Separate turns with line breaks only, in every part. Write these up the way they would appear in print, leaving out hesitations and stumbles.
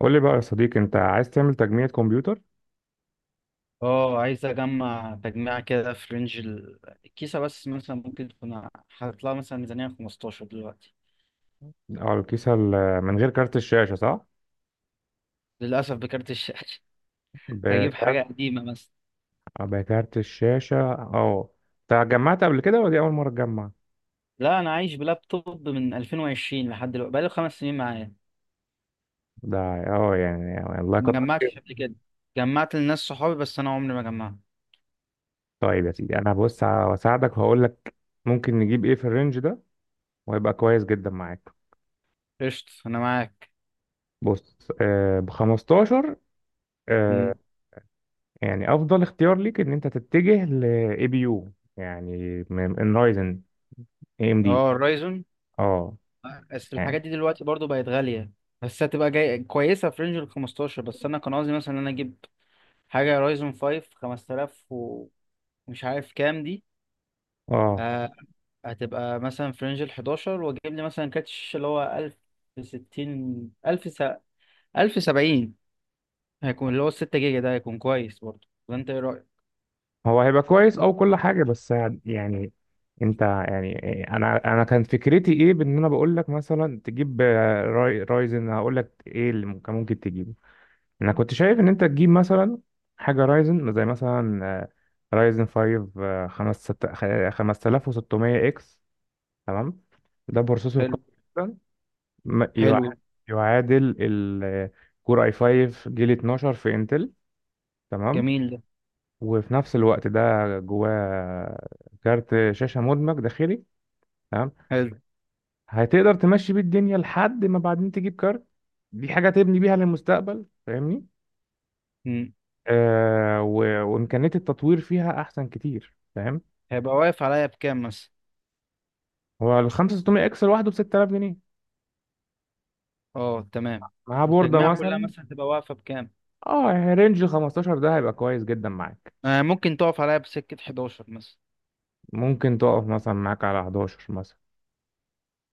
قول لي بقى يا صديقي، انت عايز تعمل تجميع كمبيوتر.
اه عايز اجمع تجميع كده في رينج الكيسة. بس مثلا ممكن تكون هتطلع مثلا ميزانية 15 دلوقتي.
على الكيسة من غير كارت الشاشة، صح؟
للأسف بكارت الشاشة. هجيب حاجة
بكارت.
قديمة مثلا.
اه، بكارت الشاشة. اه، انت جمعت قبل كده ولا دي أول مرة تجمع؟
لا، أنا عايش بلابتوب من 2020 لحد دلوقتي، بقالي 5 سنين معايا.
ده اه يعني الله
ما
يكتر خير.
جمعتش قبل كده. جمعت لناس صحابي بس أنا عمري ما جمعت.
طيب يا سيدي، انا بص هساعدك وهقول لك ممكن نجيب ايه في الرينج ده، وهيبقى كويس جدا معاك.
قشطة، أنا معاك.
بص آه ب 15. آه
مم.
يعني افضل اختيار ليك ان انت تتجه ل اي بي يو، يعني من رايزن اي ام دي.
اه، الرايزون.
اه
بس
يعني
الحاجات دي دلوقتي برضو بقت غالية. بس هتبقى جاي كويسة في رينج ال 15، بس أنا كان قصدي مثلا إن أنا أجيب حاجة رايزون 5 5000، مش عارف كام دي.
اه،
آه. هتبقى مثلا في رينج ال 11 واجيب لي مثلا كاتش اللي هو 1060، 1000 1070. هيكون اللي هو ال 6 جيجا، ده هيكون كويس برضه ولا انت ايه رأيك؟
هو هيبقى كويس او كل حاجه. بس يعني انت يعني انا كان فكرتي ايه، بان انا بقول لك مثلا تجيب آه، رايزن. هقول لك ايه اللي ممكن كان ممكن تجيبه. انا كنت شايف ان انت تجيب مثلا حاجه رايزن، زي مثلا آه، رايزن 5 آه، 5600 اكس. تمام، ده بروسيسور
حلو.
قوي جدا. ما-
حلو.
يع- يعادل الكور اي 5 جيل 12 في انتل. تمام،
جميل ده.
وفي نفس الوقت ده جواه كارت شاشة مدمج داخلي. تمام،
حلو.
هتقدر تمشي بيه الدنيا لحد ما بعدين تجيب كارت. دي حاجة تبني بيها للمستقبل، فاهمني.
مم.
آه وإمكانية التطوير فيها أحسن كتير، فاهم.
هيبقى واقف عليا بكام مثلا؟
هو ال 5600 اكس لوحده ب 6000 جنيه،
اه تمام.
مع بوردة
والتجميع كلها
مثلا.
مثلا تبقى واقفة بكام؟
اه يعني رينج 15 ده هيبقى كويس جدا معاك.
آه، ممكن تقف عليا بسكة 11 مثلا.
ممكن تقف مثلا معاك على 11 مثلا.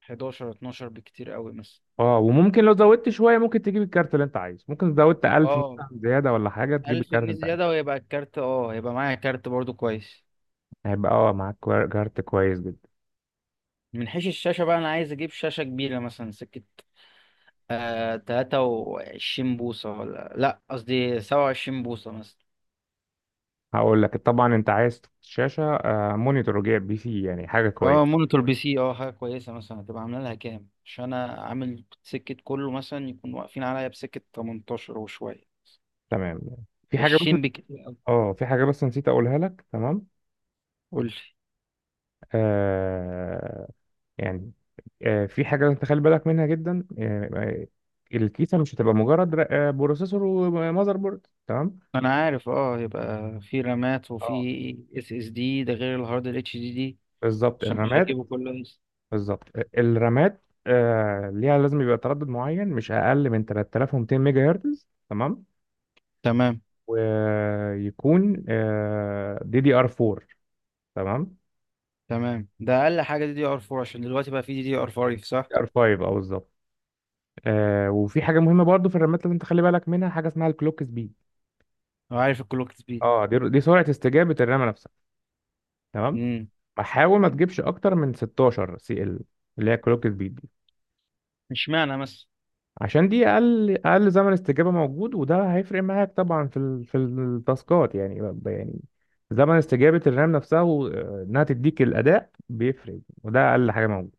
11 12 بكتير قوي مثلا.
اه، وممكن لو زودت شوية ممكن تجيب الكارت اللي انت عايزه، ممكن زودت 1000
اه،
مثلا زيادة ولا حاجة تجيب
1000
الكارت
جنيه
اللي انت
زيادة
عايزه.
ويبقى الكارت هيبقى معايا كارت برضه كويس.
هيبقى اه معاك كارت كويس جدا.
من حيث الشاشة بقى، أنا عايز أجيب شاشة كبيرة مثلا سكة آه 23 بوصة، ولا لأ، قصدي 27 بوصة مثلا.
هقول لك طبعا، انت عايز شاشة آه، مونيتور جايب بي سي، يعني حاجة
اه،
كويسة.
مونيتور بي سي، اه حاجة كويسة. مثلا هتبقى عاملة لها كام؟ عشان أنا عامل سكة كله مثلا يكون واقفين عليا بسكة 18 وشوية.
تمام، في حاجة بس.
20 بكتير أوي.
اه في حاجة بس نسيت اقولها لك. تمام
قول لي.
آه يعني آه، في حاجة لازم تخلي بالك منها جدا. آه آه، الكيسة مش هتبقى مجرد بروسيسور ومذر بورد. تمام،
أنا عارف، اه، يبقى في رامات وفي
اه
اس اس دي، ده غير الهارد ال اتش دي دي.
بالظبط
عشان مش
الرامات.
هجيبه كله لسه.
بالظبط، الرامات آه ليها لازم يبقى تردد معين، مش اقل من 3200 ميجا هرتز. تمام،
تمام.
ويكون دي دي ار 4. تمام،
تمام، ده أقل حاجة دي دي ار 4 عشان دلوقتي بقى في دي دي ار 5، صح؟
دي ار 5 اه بالظبط. آه، وفي حاجه مهمه برضو في الرامات لازم تخلي بالك منها، حاجه اسمها الكلوك سبيد.
وعارف الكلوك سبيد.
اه، دي دي سرعه استجابه الرامه نفسها. تمام،
امم
ما حاول ما تجيبش اكتر من 16 سي ال، اللي هي الكلوك سبيد دي.
اشمعنى مثلا.
عشان دي اقل زمن استجابه موجود، وده هيفرق معاك طبعا في التاسكات، يعني زمن استجابه الرام نفسها وانها تديك الاداء بيفرق، وده اقل حاجه موجوده.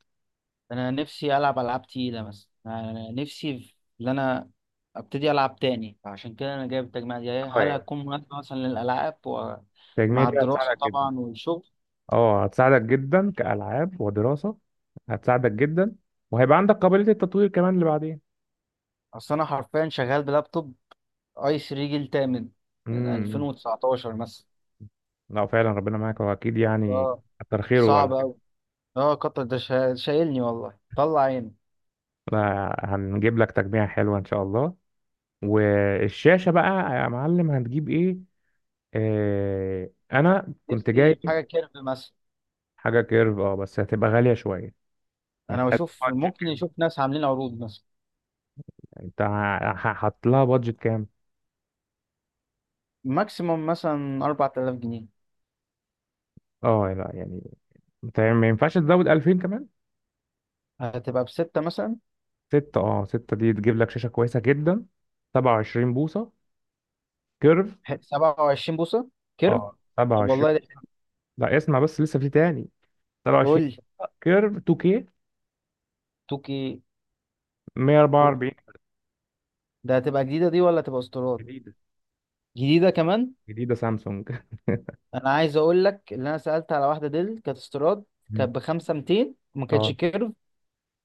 انا نفسي العب العاب تقيله، مثلا انا نفسي ان انا ابتدي العب تاني، فعشان كده انا جايب التجميع دي.
اه
هل
يعني
هتكون مناسبه مثلا للالعاب
التجميع
ومع
دي
الدراسه
هتساعدك.
طبعا والشغل؟
اه هتساعدك جدا كألعاب ودراسة. هتساعدك جدا، وهيبقى عندك قابلية التطوير كمان اللي بعدين.
اصل انا حرفيا شغال بلابتوب اي 3 جيل تامن من
امم.
2019 مثلا.
لا فعلا ربنا معاك، واكيد يعني
اه.
كتر خيره على
صعب
كده.
قوي. اه، قطر ده شايلني، والله طلع عيني.
لا، هنجيب لك تجميع حلوة ان شاء الله. والشاشة بقى، يا معلم هنجيب ايه؟ آه انا كنت
نفسي
جاي.
في حاجه كيرف مثلا.
حاجة كيرف، اه بس هتبقى غالية شوية يعني.
انا
انت عايز
بشوف،
بادجت
ممكن
كام؟
يشوف ناس عاملين عروض مثلا.
هحط لها بادجت كام؟
ماكسيموم مثلا 4000 جنيه.
اه لا يعني، انت ما ينفعش تزود 2000 كمان.
هتبقى بستة مثلا.
ستة، اه ستة دي تجيب لك شاشة كويسة جدا. 27 بوصة كيرف.
27 بوصة كيرف.
اه سبعة
طب
وعشرين
والله.
لا، اسمع بس لسه في تاني. سبعة
قول
وعشرين
لي.
كيرف 2K
توكي. قول.
144.
ده هتبقى جديدة دي ولا هتبقى استيراد؟
جديدة.
جديدة كمان.
جديدة سامسونج.
أنا عايز أقول لك، اللي أنا سألت على واحدة ديل كانت استيراد.
مم.
كانت بخمسة ميتين وما كانتش
اه.
كيرف.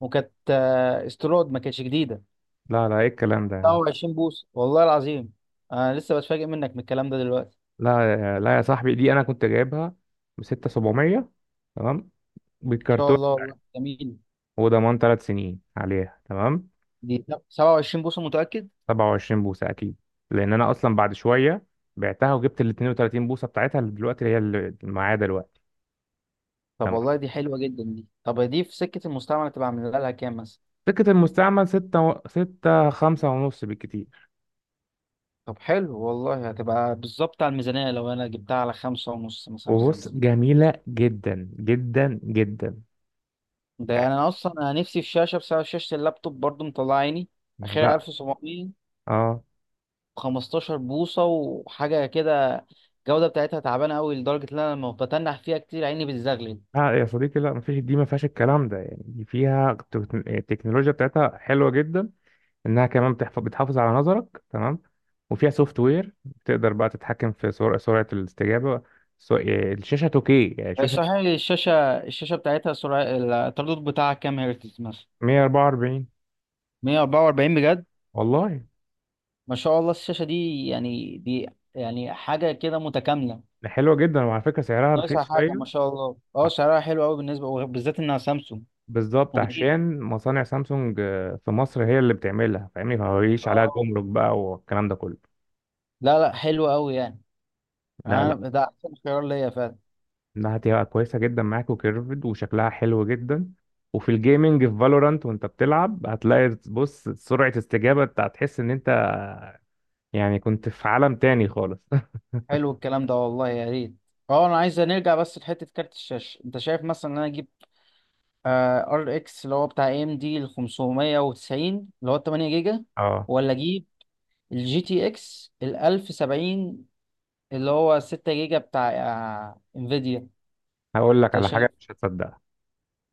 وكانت استيراد، ما كانتش جديدة.
لا لا، ايه الكلام ده يا
سبعة
عم.
وعشرين بوصة والله العظيم. أنا لسه بتفاجئ منك من الكلام ده دلوقتي.
لا لا يا صاحبي، دي انا كنت جايبها ب 6700. تمام،
إن شاء
بالكرتون،
الله، والله جميل.
وضمان 3 سنين عليها. تمام،
دي 27 بوصة متأكد؟
27 بوصة اكيد. لان انا اصلا بعد شوية بعتها، وجبت ال 32 بوصة بتاعتها اللي دلوقتي هي اللي معايا دلوقتي.
طب والله دي حلوة جدا دي. طب دي في سكة المستعمل تبقى عاملة لها كام مثلا؟
سكة المستعمل ستة خمسة ونص بالكتير.
طب حلو والله، هتبقى بالظبط على الميزانية لو أنا جبتها على خمسة ونص مثلا،
وبص،
خمسة.
جميلة جدا جدا جدا.
ده يعني
يعني،
أنا أصلا أنا نفسي في شاشة، بسبب شاشة اللابتوب برضو مطلع عيني.
يعني
آخرها
لا
1700
اه
و15 بوصة وحاجة كده. الجودة بتاعتها تعبانة أوي لدرجة إن أنا لما بتنح فيها كتير عيني بتزغلل.
لا، يا صديقي لا مفيش. دي ما فيهاش الكلام ده يعني. دي فيها التكنولوجيا بتاعتها حلوة جدا. انها كمان بتحافظ على نظرك. تمام، وفيها سوفت وير تقدر بقى تتحكم في سرعة الاستجابة. سو... آه، الشاشة 2K يعني
آه،
شاشة
صحيح، الشاشة. الشاشة بتاعتها سرعة التردد بتاعها كام هرتز مثلا؟
144.
144 بجد؟
والله،
ما شاء الله، الشاشة دي يعني دي، يعني حاجة كده متكاملة.
ده حلوة جدا، وعلى فكرة سعرها رخيص
ناقصها حاجة
شوية.
ما شاء الله. اه سعرها حلو قوي بالنسبة، وبالذات انها سامسونج.
بالظبط،
وجديد.
عشان مصانع سامسونج آه، في مصر هي اللي بتعملها فاهمني، فما بيجيش عليها
اه.
جمرك بقى والكلام ده كله.
لا لا، حلو قوي يعني.
لا اه
انا
لا،
ده احسن خيار ليا فعلا.
انها هتبقى كويسه جدا معاك، وكيرفد وشكلها حلو جدا. وفي الجيمنج في فالورانت وانت بتلعب، هتلاقي بص سرعه استجابه، انت هتحس ان انت يعني كنت في عالم تاني خالص.
حلو الكلام ده والله، يا ريت. اه، انا عايز نرجع بس لحتة كارت الشاشة. انت شايف مثلا ان انا اجيب ار اكس اللي هو بتاع اي ام دي ال 590 اللي هو 8 جيجا،
اه،
ولا اجيب الجي تي اكس ال 1070 اللي هو 6 جيجا، بتاع انفيديا؟
هقول لك
انت
على
شايف.
حاجه مش هتصدقها.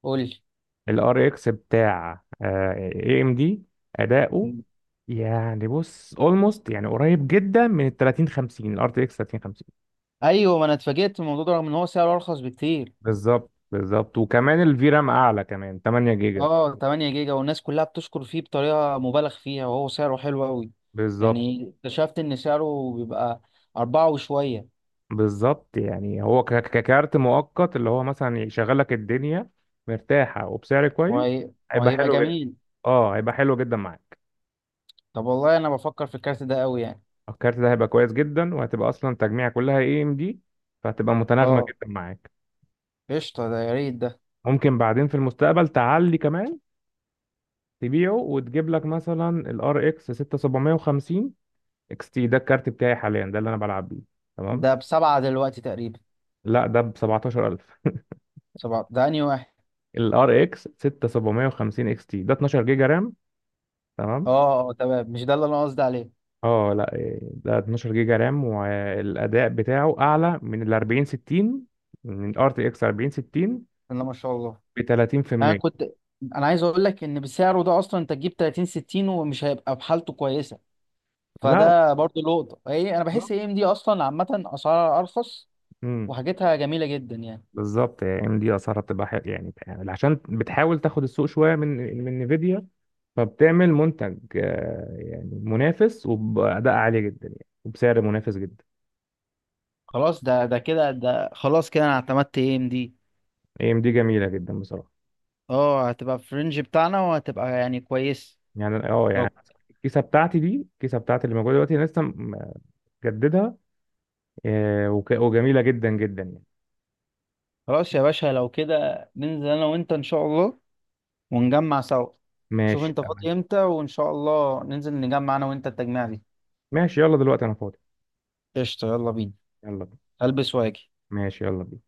قول
الار اكس بتاع اي ام دي، اداؤه
لي.
يعني بص اولموست يعني قريب جدا من ال 30 50، الار تي اكس 30.
ايوه، ما انا اتفاجئت من الموضوع ده رغم ان هو سعره ارخص بكتير.
بالظبط بالظبط، وكمان الفي رام اعلى، كمان 8 جيجا.
اه، 8 جيجا، والناس كلها بتشكر فيه بطريقة مبالغ فيها وهو سعره حلو قوي.
بالظبط،
يعني اكتشفت ان سعره بيبقى أربعة وشوية.
بالظبط يعني هو ككارت مؤقت اللي هو مثلا يشغل لك الدنيا مرتاحه وبسعر كويس. هيبقى
وهيبقى
حلو جدا.
جميل.
اه هيبقى حلو جدا معاك.
طب والله انا بفكر في الكارت ده قوي يعني.
الكارت ده هيبقى كويس جدا، وهتبقى اصلا تجميع كلها اي ام دي، فهتبقى متناغمه
اه.
جدا معاك.
قشطة، ده يا ريت ده.
ممكن بعدين في المستقبل تعلي كمان، تبيعه وتجيب لك مثلا الار اكس 6750 اكس تي. ده الكارت بتاعي حاليا، ده اللي انا بلعب بيه. تمام.
ده بسبعة دلوقتي تقريبا.
لا ده ب 17,000.
سبعة ده انهي واحد؟
الار اكس 6750 اكس تي ده 12 جيجا رام. تمام
اه اه تمام، مش ده اللي انا قصدي عليه.
اه لا إيه، ده 12 جيجا رام، والاداء بتاعه اعلى من ال 40 60، من الار تي اكس 40 60
بسم الله ما شاء الله.
ب
انا
30%.
كنت انا عايز اقول لك ان بسعره ده اصلا انت تجيب 30 60 ومش هيبقى بحالته كويسة.
لا
فده برضه لقطة. ايه، انا
بالظبط.
بحس اي ام دي اصلا عامة اسعارها ارخص
امم.
وحاجتها جميلة جدا يعني.
بالظبط يعني ام دي اسعارها بتبقى حلوه يعني، عشان بتحاول تاخد السوق شويه من نفيديا. فبتعمل منتج آه يعني منافس، وباداء عالي جدا يعني، وبسعر منافس جدا.
خلاص، ده كده ده خلاص كده، انا اعتمدت اي ام دي.
اي ام دي جميله جدا بصراحه.
اه، هتبقى في الرينج بتاعنا وهتبقى يعني كويس.
يعني اه يعني
لو
الكيسه بتاعتي دي، الكيسه بتاعتي اللي موجوده دلوقتي انا لسه مجددها. آه وجميله جدا جدا يعني.
خلاص يا باشا، لو كده ننزل انا وانت ان شاء الله ونجمع سوا. شوف
ماشي
انت
تمام.
فاضي امتى، وان شاء الله ننزل نجمع انا وانت التجميع دي.
ماشي يلا دلوقتي انا فاضي.
قشطة، يلا بينا.
يلا.
البس واجي.
ماشي يلا.